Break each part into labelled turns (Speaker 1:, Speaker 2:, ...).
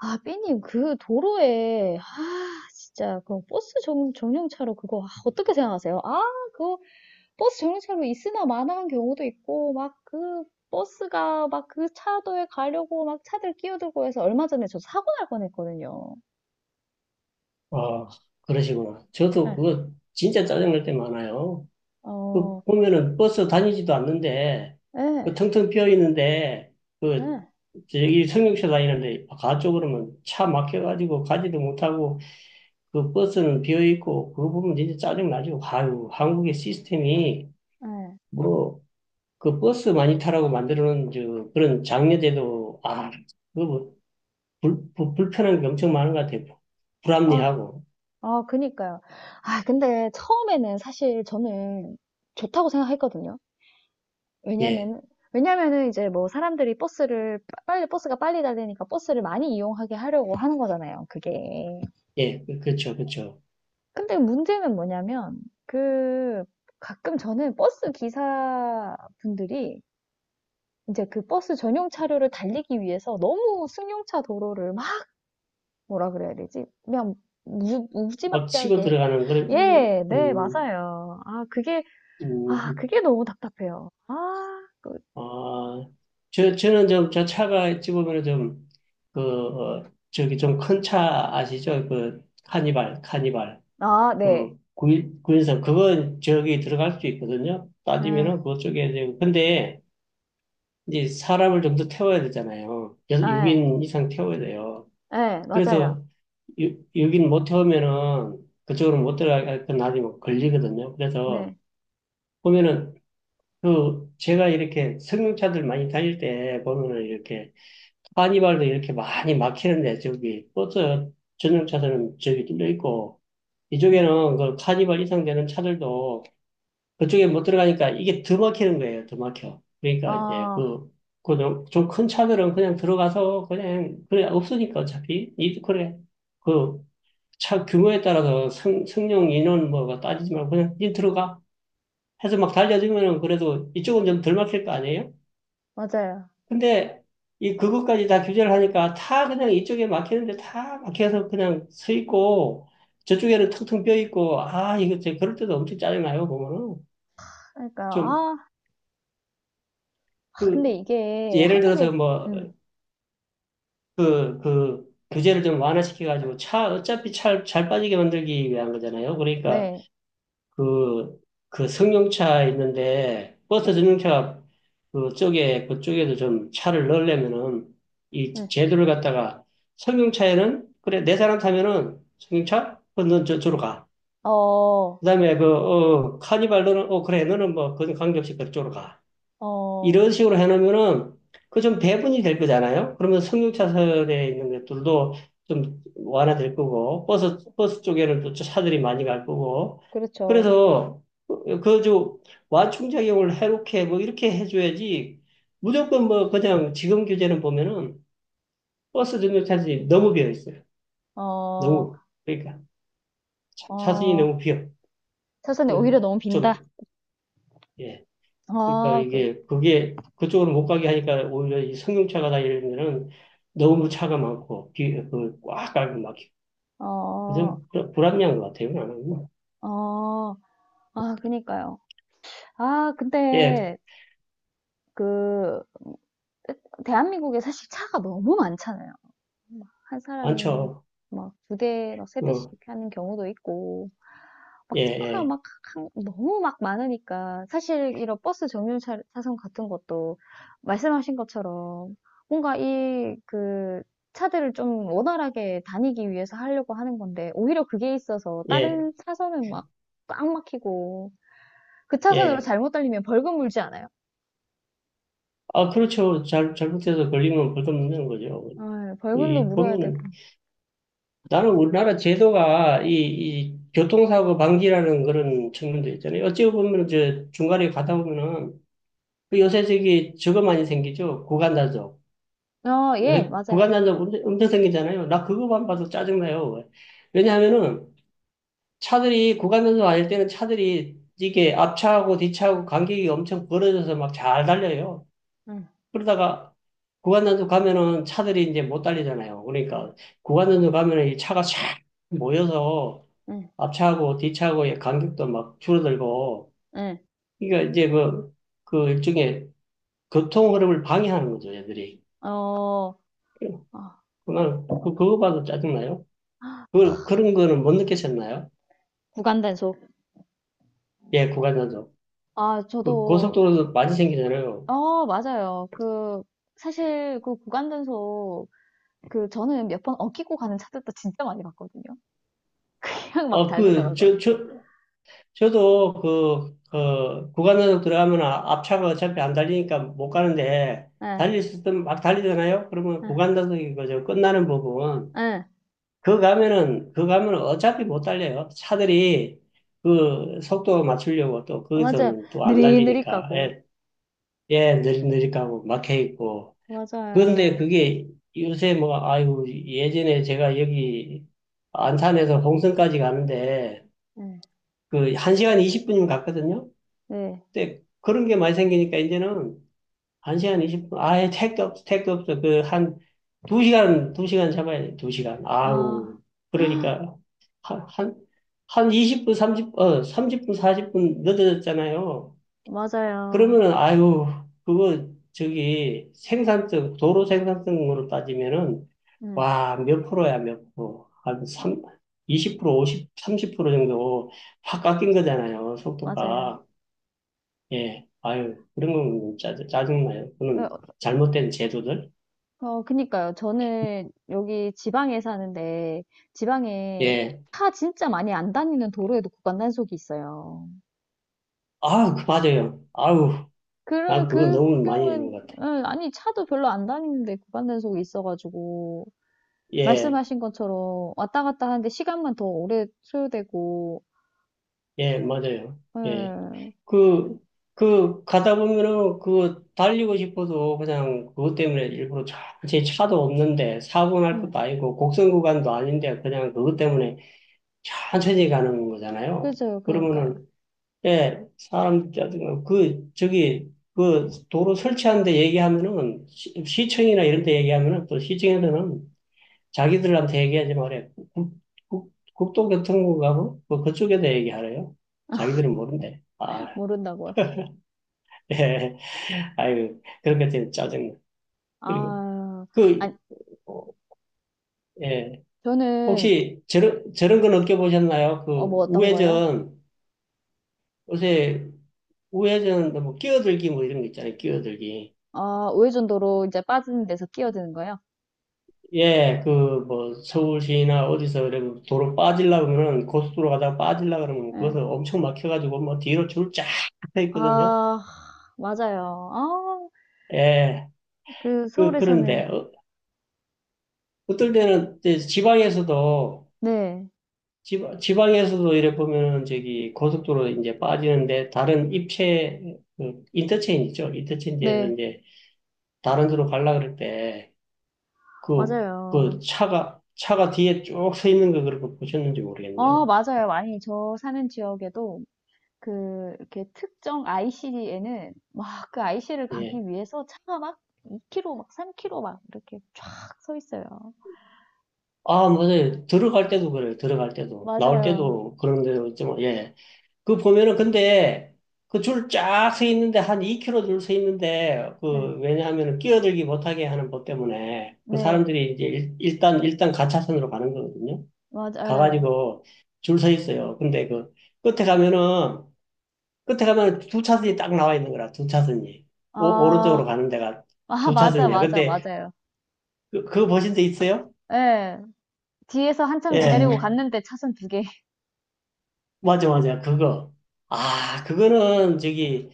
Speaker 1: 아, 삐님, 그 도로에, 아, 진짜, 그 버스 정류차로 그거, 아, 어떻게 생각하세요? 아, 그거, 버스 정류차로 있으나 마나한 경우도 있고, 막 그, 버스가 막 그 차도에 가려고 막 차들 끼어들고 해서 얼마 전에 저 사고 날 뻔했거든요.
Speaker 2: 아, 그러시구나. 저도
Speaker 1: 예,
Speaker 2: 그거 진짜 짜증날 때 많아요. 그
Speaker 1: 어,
Speaker 2: 보면은 버스 다니지도 않는데, 그
Speaker 1: 예,
Speaker 2: 텅텅 비어 있는데, 그,
Speaker 1: 예,
Speaker 2: 저기 승용차 다니는데, 가쪽 그러면 차 막혀가지고 가지도 못하고, 그 버스는 비어 있고, 그거 보면 진짜 짜증나죠. 아유, 한국의 시스템이,
Speaker 1: 예.
Speaker 2: 뭐, 그 버스 많이 타라고 만들어 놓은 저 그런 장려제도, 아, 그거 뭐, 불편한 게 엄청 많은 것 같아요.
Speaker 1: 아,
Speaker 2: 불합리하고.
Speaker 1: 아, 그니까요. 아, 근데 처음에는 사실 저는 좋다고 생각했거든요.
Speaker 2: 예,
Speaker 1: 왜냐면은, 왜냐면은 이제 뭐 사람들이 버스를, 빨리, 버스가 빨리 달리니까 버스를 많이 이용하게 하려고 하는 거잖아요, 그게.
Speaker 2: 예, 그- 그렇죠.
Speaker 1: 근데 문제는 뭐냐면, 그, 가끔 저는 버스 기사분들이 이제 그 버스 전용 차로를 달리기 위해서 너무 승용차 도로를 막, 뭐라 그래야 되지? 그냥 무,
Speaker 2: 막 치고
Speaker 1: 무지막지하게.
Speaker 2: 들어가는 그런
Speaker 1: 예, 네, 맞아요. 아, 그게,
Speaker 2: 음,
Speaker 1: 아,
Speaker 2: 음.
Speaker 1: 그게 너무 답답해요. 아, 그,
Speaker 2: 아, 저는 좀, 저 차가 집으면 좀, 그, 어, 저기 좀 큰 차 아시죠? 그, 카니발.
Speaker 1: 아, 네.
Speaker 2: 그, 구인, 구인선. 그건 저기 들어갈 수 있거든요.
Speaker 1: 응,
Speaker 2: 따지면은 그쪽에, 이제 근데 이제 사람을 좀 더 태워야 되잖아요.
Speaker 1: 네.
Speaker 2: 6인 이상 태워야 돼요.
Speaker 1: 예, 맞아요.
Speaker 2: 그래서 6, 인못 태우면은 그쪽으로 못 들어가니까 나중에 걸리거든요. 그래서
Speaker 1: 네.
Speaker 2: 보면은 그 제가 이렇게 승용차들 많이 다닐 때 보면은 이렇게 카니발도 이렇게 많이 막히는데 저기 버스 전용차들은 저기 뚫려 있고
Speaker 1: 네.
Speaker 2: 이쪽에는 그 카니발 이상 되는 차들도 그쪽에 못 들어가니까 이게 더 막히는 거예요. 더 막혀. 그러니까 이제
Speaker 1: 아,
Speaker 2: 그 그좀큰 차들은 그냥 들어가서 그냥 그래 없으니까 어차피 이 그래 그 차 규모에 따라서 승, 승용 인원 뭐가 따지지 말고 그냥 니 들어가 해서 막 달려주면은 그래도 이쪽은 좀 덜 막힐 거 아니에요?
Speaker 1: 맞아요.
Speaker 2: 근데 이 그것까지 다 규제를 하니까 다 그냥 이쪽에 막히는데 다 막혀서 그냥 서 있고 저쪽에는 텅텅 비어 있고, 아 이거 제 그럴 때도 엄청 짜증나요 보면은.
Speaker 1: 그러니까요. 아, 근데
Speaker 2: 좀그
Speaker 1: 이게
Speaker 2: 예를 들어서
Speaker 1: 한국에.
Speaker 2: 뭐
Speaker 1: 음.
Speaker 2: 그 그 규제를 좀 완화시켜 가지고 차 어차피 차 잘 빠지게 만들기 위한 거잖아요. 그러니까
Speaker 1: 네.
Speaker 2: 그, 그 승용차 있는데, 버스
Speaker 1: 음.
Speaker 2: 승용차가 그쪽에, 그쪽에도 좀 차를 넣으려면은, 이
Speaker 1: 음.
Speaker 2: 제도를 갖다가, 승용차에는, 그래, 네 사람 타면은, 승용차? 그, 넌 저, 저로 가.
Speaker 1: 어.
Speaker 2: 그 다음에 그, 어, 카니발 너는, 어, 그래, 너는 뭐, 그건 관계없이 그쪽으로 가.
Speaker 1: 어.
Speaker 2: 이런 식으로 해놓으면은 그 좀 배분이 될 거잖아요. 그러면 승용차선에 있는 것들도 좀 완화될 거고 버스 쪽에는 또 차들이 많이 갈 거고,
Speaker 1: 그렇죠.
Speaker 2: 그래서 그저 완충작용을 해롭게 뭐 이렇게 해줘야지. 무조건 뭐 그냥 지금 교재는 보면은 버스 승용차선이 너무 비어 있어요.
Speaker 1: 어.
Speaker 2: 너무. 그러니까 차, 차선이
Speaker 1: 어.
Speaker 2: 너무 비어.
Speaker 1: 사전에 오히려 너무 빈다.
Speaker 2: 그좀 예. 그러니까
Speaker 1: 아, 그,
Speaker 2: 이게 그게 그쪽으로 못 가게 하니까 오히려 이 승용차가 다니면은 너무 차가 많고 그꽉 깔고 막히고,
Speaker 1: 어,
Speaker 2: 좀 불- 불합리한 것 같아요 나는.
Speaker 1: 어, 아, 그니까요. 아,
Speaker 2: 예.
Speaker 1: 근데, 그, 대한민국에 사실 차가 너무 많잖아요. 막한 사람이
Speaker 2: 많죠.
Speaker 1: 막 2대, 막 세 대씩 하는 경우도 있고, 막
Speaker 2: 어예예예예
Speaker 1: 차가 막 너무 막 많으니까 사실 이런 버스 정류장 차선 같은 것도 말씀하신 것처럼 뭔가 이 그 차들을 좀 원활하게 다니기 위해서 하려고 하는 건데 오히려 그게 있어서
Speaker 2: 예, 예,
Speaker 1: 다른 차선은 막 꽉 막히고 그
Speaker 2: 예.
Speaker 1: 차선으로
Speaker 2: 예.
Speaker 1: 잘못 달리면 벌금 물지 않아요?
Speaker 2: 아 그렇죠. 잘 잘못해서 걸리면 벌금 먹는 거죠.
Speaker 1: 아, 벌금도
Speaker 2: 이
Speaker 1: 물어야 되고.
Speaker 2: 보면은 나는 우리나라 제도가 이, 이 교통사고 방지라는 그런 측면도 있잖아요. 어찌 보면 저 중간에 가다 보면은 그 요새 저기 저거 많이 생기죠. 구간 단속.
Speaker 1: 어, 예,
Speaker 2: 요새 구간
Speaker 1: 맞아요.
Speaker 2: 단속 엄청 생기잖아요. 나 그거만 봐도 짜증나요. 왜냐하면은 차들이 구간 단속 아닐 때는 차들이 이게 앞차하고 뒤차하고 간격이 엄청 벌어져서 막 잘 달려요.
Speaker 1: 응,
Speaker 2: 그러다가 구간 단속 가면은 차들이 이제 못 달리잖아요. 그러니까 구간 단속 가면은 이 차가 샥 모여서
Speaker 1: 응,
Speaker 2: 앞차하고 뒤차하고의 간격도 막 줄어들고
Speaker 1: 응.
Speaker 2: 이게 이제 그, 그 일종의 교통 흐름을 방해하는 거죠, 얘들이.
Speaker 1: 어, 어,
Speaker 2: 그만, 그, 그거 봐도 짜증나요. 그, 그런 거는 못 느끼셨나요?
Speaker 1: 구간 단속.
Speaker 2: 예, 구간 단속.
Speaker 1: 아,
Speaker 2: 그
Speaker 1: 저도.
Speaker 2: 고속도로도 많이 생기잖아요.
Speaker 1: 어, 맞아요. 그, 사실 그 구간단속, 그, 저는 몇 번 엉키고 가는 차들도 진짜 많이 봤거든요. 그냥 막
Speaker 2: 어, 그,
Speaker 1: 달리더라고요.
Speaker 2: 저도 그, 그, 구간 단속 들어가면 아- 앞차가 어차피 안 달리니까 못 가는데,
Speaker 1: 예,
Speaker 2: 달릴 수 있으면 막 달리잖아요? 그러면
Speaker 1: 예,
Speaker 2: 구간 단속이 거죠. 끝나는 부분.
Speaker 1: 예.
Speaker 2: 그 가면은 어차피 못 달려요. 차들이 그 속도 맞추려고 또
Speaker 1: 어, 맞아요.
Speaker 2: 거기서는 또 안
Speaker 1: 느릿느릿
Speaker 2: 달리니까,
Speaker 1: 가고.
Speaker 2: 예, 예, 느릿느릿하고 막혀 있고, 그런데
Speaker 1: 맞아요.
Speaker 2: 그게 요새 뭐, 아이고, 예전에 제가 여기 안산에서 홍성까지 가는데,
Speaker 1: 예,
Speaker 2: 그, 1시간 20분이면 갔거든요?
Speaker 1: 네.
Speaker 2: 근데 그런 게 많이 생기니까 이제는 1시간 20분, 아예 택도 없어. 그, 한, 2시간 잡아야 돼, 2시간. 아우,
Speaker 1: 아,
Speaker 2: 그러니까, 한, 한, 한 20분, 삼십 어, 30분, 40분 늦어졌잖아요.
Speaker 1: 맞아요.
Speaker 2: 그러면은, 아유, 그거, 저기, 생산성, 도로 생산성으로 따지면은,
Speaker 1: 예,
Speaker 2: 와, 몇 프로. 한 3, 20%, 50, 30% 정도 확 깎인 거잖아요,
Speaker 1: 맞아요.
Speaker 2: 속도가. 예, 아유, 그런 건 짜, 짜증나요. 그
Speaker 1: 예, 어,
Speaker 2: 는 잘못된 제도들.
Speaker 1: 어, 그니까요. 저는 여기 지방에 사는데, 지방에
Speaker 2: 예,
Speaker 1: 차 진짜 많이 안 다니는 도로에도 구간단속이 있어요.
Speaker 2: 아, 그 맞아요. 아우,
Speaker 1: 그
Speaker 2: 난 그거
Speaker 1: 그
Speaker 2: 너무 많이
Speaker 1: 경우엔,
Speaker 2: 내는 것 같아.
Speaker 1: 예, 아니, 차도 별로 안 다니는데 구간 단속이 있어가지고
Speaker 2: 예,
Speaker 1: 말씀하신 것처럼 왔다 갔다 하는데 시간만 더 오래 소요되고.
Speaker 2: 예, 맞아요. 예.
Speaker 1: 응.
Speaker 2: 그, 가다 보면은 그 달리고 싶어도 그냥 그것 때문에 일부러 차, 제 차도 없는데 사고 날
Speaker 1: 응.
Speaker 2: 것도 아니고 곡선 구간도 아닌데 그냥 그것 때문에 천천히 가는 거잖아요.
Speaker 1: 그죠, 그러니까요.
Speaker 2: 그러면은, 예, 사람, 짜증- 그, 저기, 그 도로 설치하는데 얘기하면은 시, 청이나 이런 데 얘기하면은 또 시청에서는 자기들한테 얘기하지 말아요. 국, 국도교통국하고 뭐 그쪽에다 얘기하래요. 자기들은 모른대. 아,
Speaker 1: 모른다고요?
Speaker 2: 예. 아유, 그런 것 때문에 짜증나. 그리고,
Speaker 1: 아,
Speaker 2: 그,
Speaker 1: 아니,
Speaker 2: 어, 예.
Speaker 1: 저는.
Speaker 2: 혹시 저런 건 느껴보셨나요?
Speaker 1: 어,
Speaker 2: 그,
Speaker 1: 뭐 어떤 거예요?
Speaker 2: 우회전, 요새 우회전, 뭐, 끼어들기 뭐 이런 거 있잖아요. 끼어들기.
Speaker 1: 아, 우회전도로 이제 빠지는 데서 끼어드는 거예요?
Speaker 2: 예, 그, 뭐, 서울시나 어디서 그래, 도로 빠지려고 그러면, 고속도로 가다가 빠지려고 그러면,
Speaker 1: 예.
Speaker 2: 그것을 엄청 막혀가지고, 뭐, 뒤로 줄 쫙 서 있거든요.
Speaker 1: 아, 맞아요. 아,
Speaker 2: 예,
Speaker 1: 그
Speaker 2: 그, 그런데,
Speaker 1: 서울에서는.
Speaker 2: 어, 어떨 때는 이제 지방에서도,
Speaker 1: 네.
Speaker 2: 지방에서도 이래 보면은 저기 고속도로 이제 빠지는데 다른 입체 그 인터체인지 죠 인터체인지에서
Speaker 1: 네.
Speaker 2: 이제 다른 데로 갈라 그럴 때 그
Speaker 1: 맞아요.
Speaker 2: 그 차가 뒤에 쭉 서 있는 거 그렇게 보셨는지
Speaker 1: 아,
Speaker 2: 모르겠네요.
Speaker 1: 맞아요. 많이 저 사는 지역에도 그 이렇게 특정 IC에는 막 그 IC를
Speaker 2: 예.
Speaker 1: 가기 위해서 차가 막 2km 막 3km 막 이렇게 쫙 서 있어요.
Speaker 2: 아, 맞아요. 들어갈 때도 그래요. 들어갈 때도 나올
Speaker 1: 맞아요.
Speaker 2: 때도 그런 데도 있지만 예. 그 보면은 근데 그 줄 쫙 서 있는데 한 2km 줄 서 있는데
Speaker 1: 네.
Speaker 2: 그 왜냐하면은 끼어들기 못하게 하는 법 때문에 그
Speaker 1: 네.
Speaker 2: 사람들이 이제 일, 일단 가차선으로 가는 거거든요.
Speaker 1: 맞아요.
Speaker 2: 가가지고 줄 서 있어요. 근데 그 끝에 가면은 끝에 가면은 두 차선이 딱 나와 있는 거라 두 차선이 오, 오른쪽으로
Speaker 1: 아,
Speaker 2: 가는 데가
Speaker 1: 아,
Speaker 2: 두
Speaker 1: 맞아,
Speaker 2: 차선이야.
Speaker 1: 맞아,
Speaker 2: 근데
Speaker 1: 맞아요.
Speaker 2: 그, 그거 보신 적 있어요?
Speaker 1: 예. 뒤에서 한참 기다리고
Speaker 2: 예.
Speaker 1: 갔는데 차선 2개.
Speaker 2: 맞아, 맞아. 그거. 아, 그거는 저기,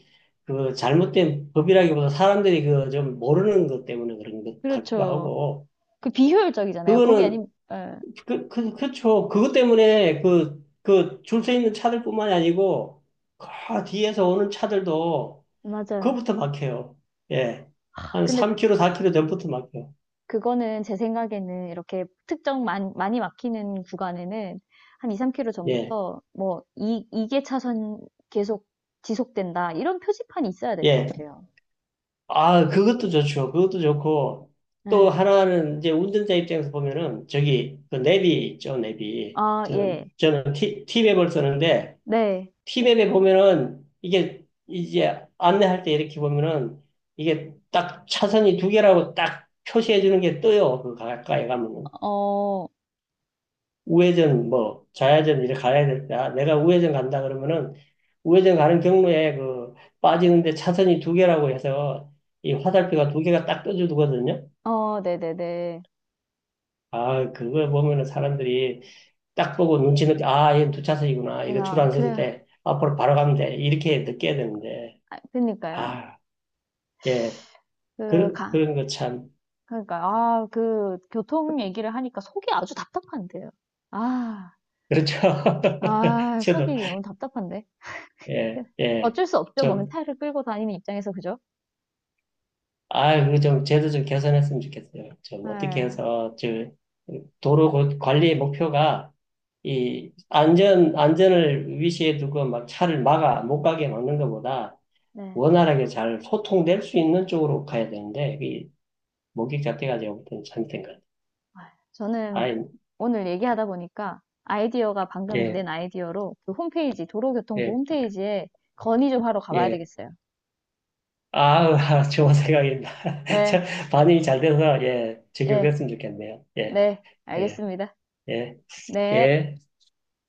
Speaker 2: 그 잘못된 법이라기보다 사람들이 그 좀 모르는 것 때문에 그런 것 같기도
Speaker 1: 그렇죠.
Speaker 2: 하고.
Speaker 1: 그 비효율적이잖아요. 거기 아니,
Speaker 2: 그거는,
Speaker 1: 예.
Speaker 2: 그쵸. 그것 때문에 그, 그 줄서 있는 차들뿐만이 아니고, 그 뒤에서 오는 차들도
Speaker 1: 맞아요.
Speaker 2: 그거부터 막혀요. 예. 한
Speaker 1: 근데
Speaker 2: 3km, 4km 전부터 막혀요.
Speaker 1: 그거는 제 생각에는 이렇게 특정 많이 막히는 구간에는 한 2, 3km
Speaker 2: 예.
Speaker 1: 전부터 뭐 이 개 차선 계속 지속된다. 이런 표지판이 있어야 될 것
Speaker 2: 예.
Speaker 1: 같아요.
Speaker 2: 아, 그것도 좋죠. 그것도 좋고, 또
Speaker 1: 네.
Speaker 2: 하나는 이제 운전자 입장에서 보면은, 저기, 그 내비 있죠, 내비.
Speaker 1: 아, 예.
Speaker 2: 저는 티, 티맵을 쓰는데,
Speaker 1: 네.
Speaker 2: 티맵에 보면은, 이게, 이제 안내할 때 이렇게 보면은, 이게 딱 차선이 두 개라고 딱 표시해 주는 게 떠요. 그 가까이 가면은.
Speaker 1: 어,
Speaker 2: 우회전 뭐 좌회전 이렇게 가야 될 때, 아, 내가 우회전 간다 그러면은 우회전 가는 경로에 그 빠지는데 차선이 두 개라고 해서 이 화살표가 두 개가 딱 떠주거든요.
Speaker 1: 어, 네네네.
Speaker 2: 아, 그걸 보면은 사람들이 딱 보고 눈치 늦게, 아, 얘는 두 차선이구나. 이거 줄 안 서도
Speaker 1: 그래.
Speaker 2: 돼. 앞으로 바로 가면 돼. 이렇게 느껴야 되는데.
Speaker 1: 아, 그니까요.
Speaker 2: 아, 예.
Speaker 1: 그,
Speaker 2: 그, 그런 거 참.
Speaker 1: 그러니까, 아, 그, 교통 얘기를 하니까 속이 아주 답답한데요. 아,
Speaker 2: 그렇죠.
Speaker 1: 아,
Speaker 2: 저도,
Speaker 1: 속이 너무 답답한데. 그,
Speaker 2: 예, 예.
Speaker 1: 어쩔 수 없죠. 뭐,
Speaker 2: 좀
Speaker 1: 타이를 끌고 다니는 입장에서, 그죠?
Speaker 2: 아, 그 좀, 제도 좀 개선했으면 좋겠어요. 좀 어떻게
Speaker 1: 네.
Speaker 2: 해서, 저, 도로 고- 관리의 목표가, 이, 안전을 위시해 두고 막 차를 막아, 못 가게 막는 것보다
Speaker 1: 네.
Speaker 2: 원활하게 잘 소통될 수 있는 쪽으로 가야 되는데, 이, 목격 자체가 제가 볼참 잘못된 것 같아요.
Speaker 1: 아, 저는
Speaker 2: 아이,
Speaker 1: 오늘 얘기하다 보니까 아이디어가, 방금
Speaker 2: 예,
Speaker 1: 낸 아이디어로, 그 홈페이지, 도로교통부
Speaker 2: 예,
Speaker 1: 홈페이지에 건의 좀 하러 가봐야
Speaker 2: 예.
Speaker 1: 되겠어요.
Speaker 2: 아우, 아, 좋은 생각입니다. 참,
Speaker 1: 예,
Speaker 2: 반응이 잘 돼서, 예,
Speaker 1: 예,
Speaker 2: 적용됐으면 좋겠네요. 예,
Speaker 1: 네,
Speaker 2: 예,
Speaker 1: 알겠습니다.
Speaker 2: 예,
Speaker 1: 네.
Speaker 2: 예.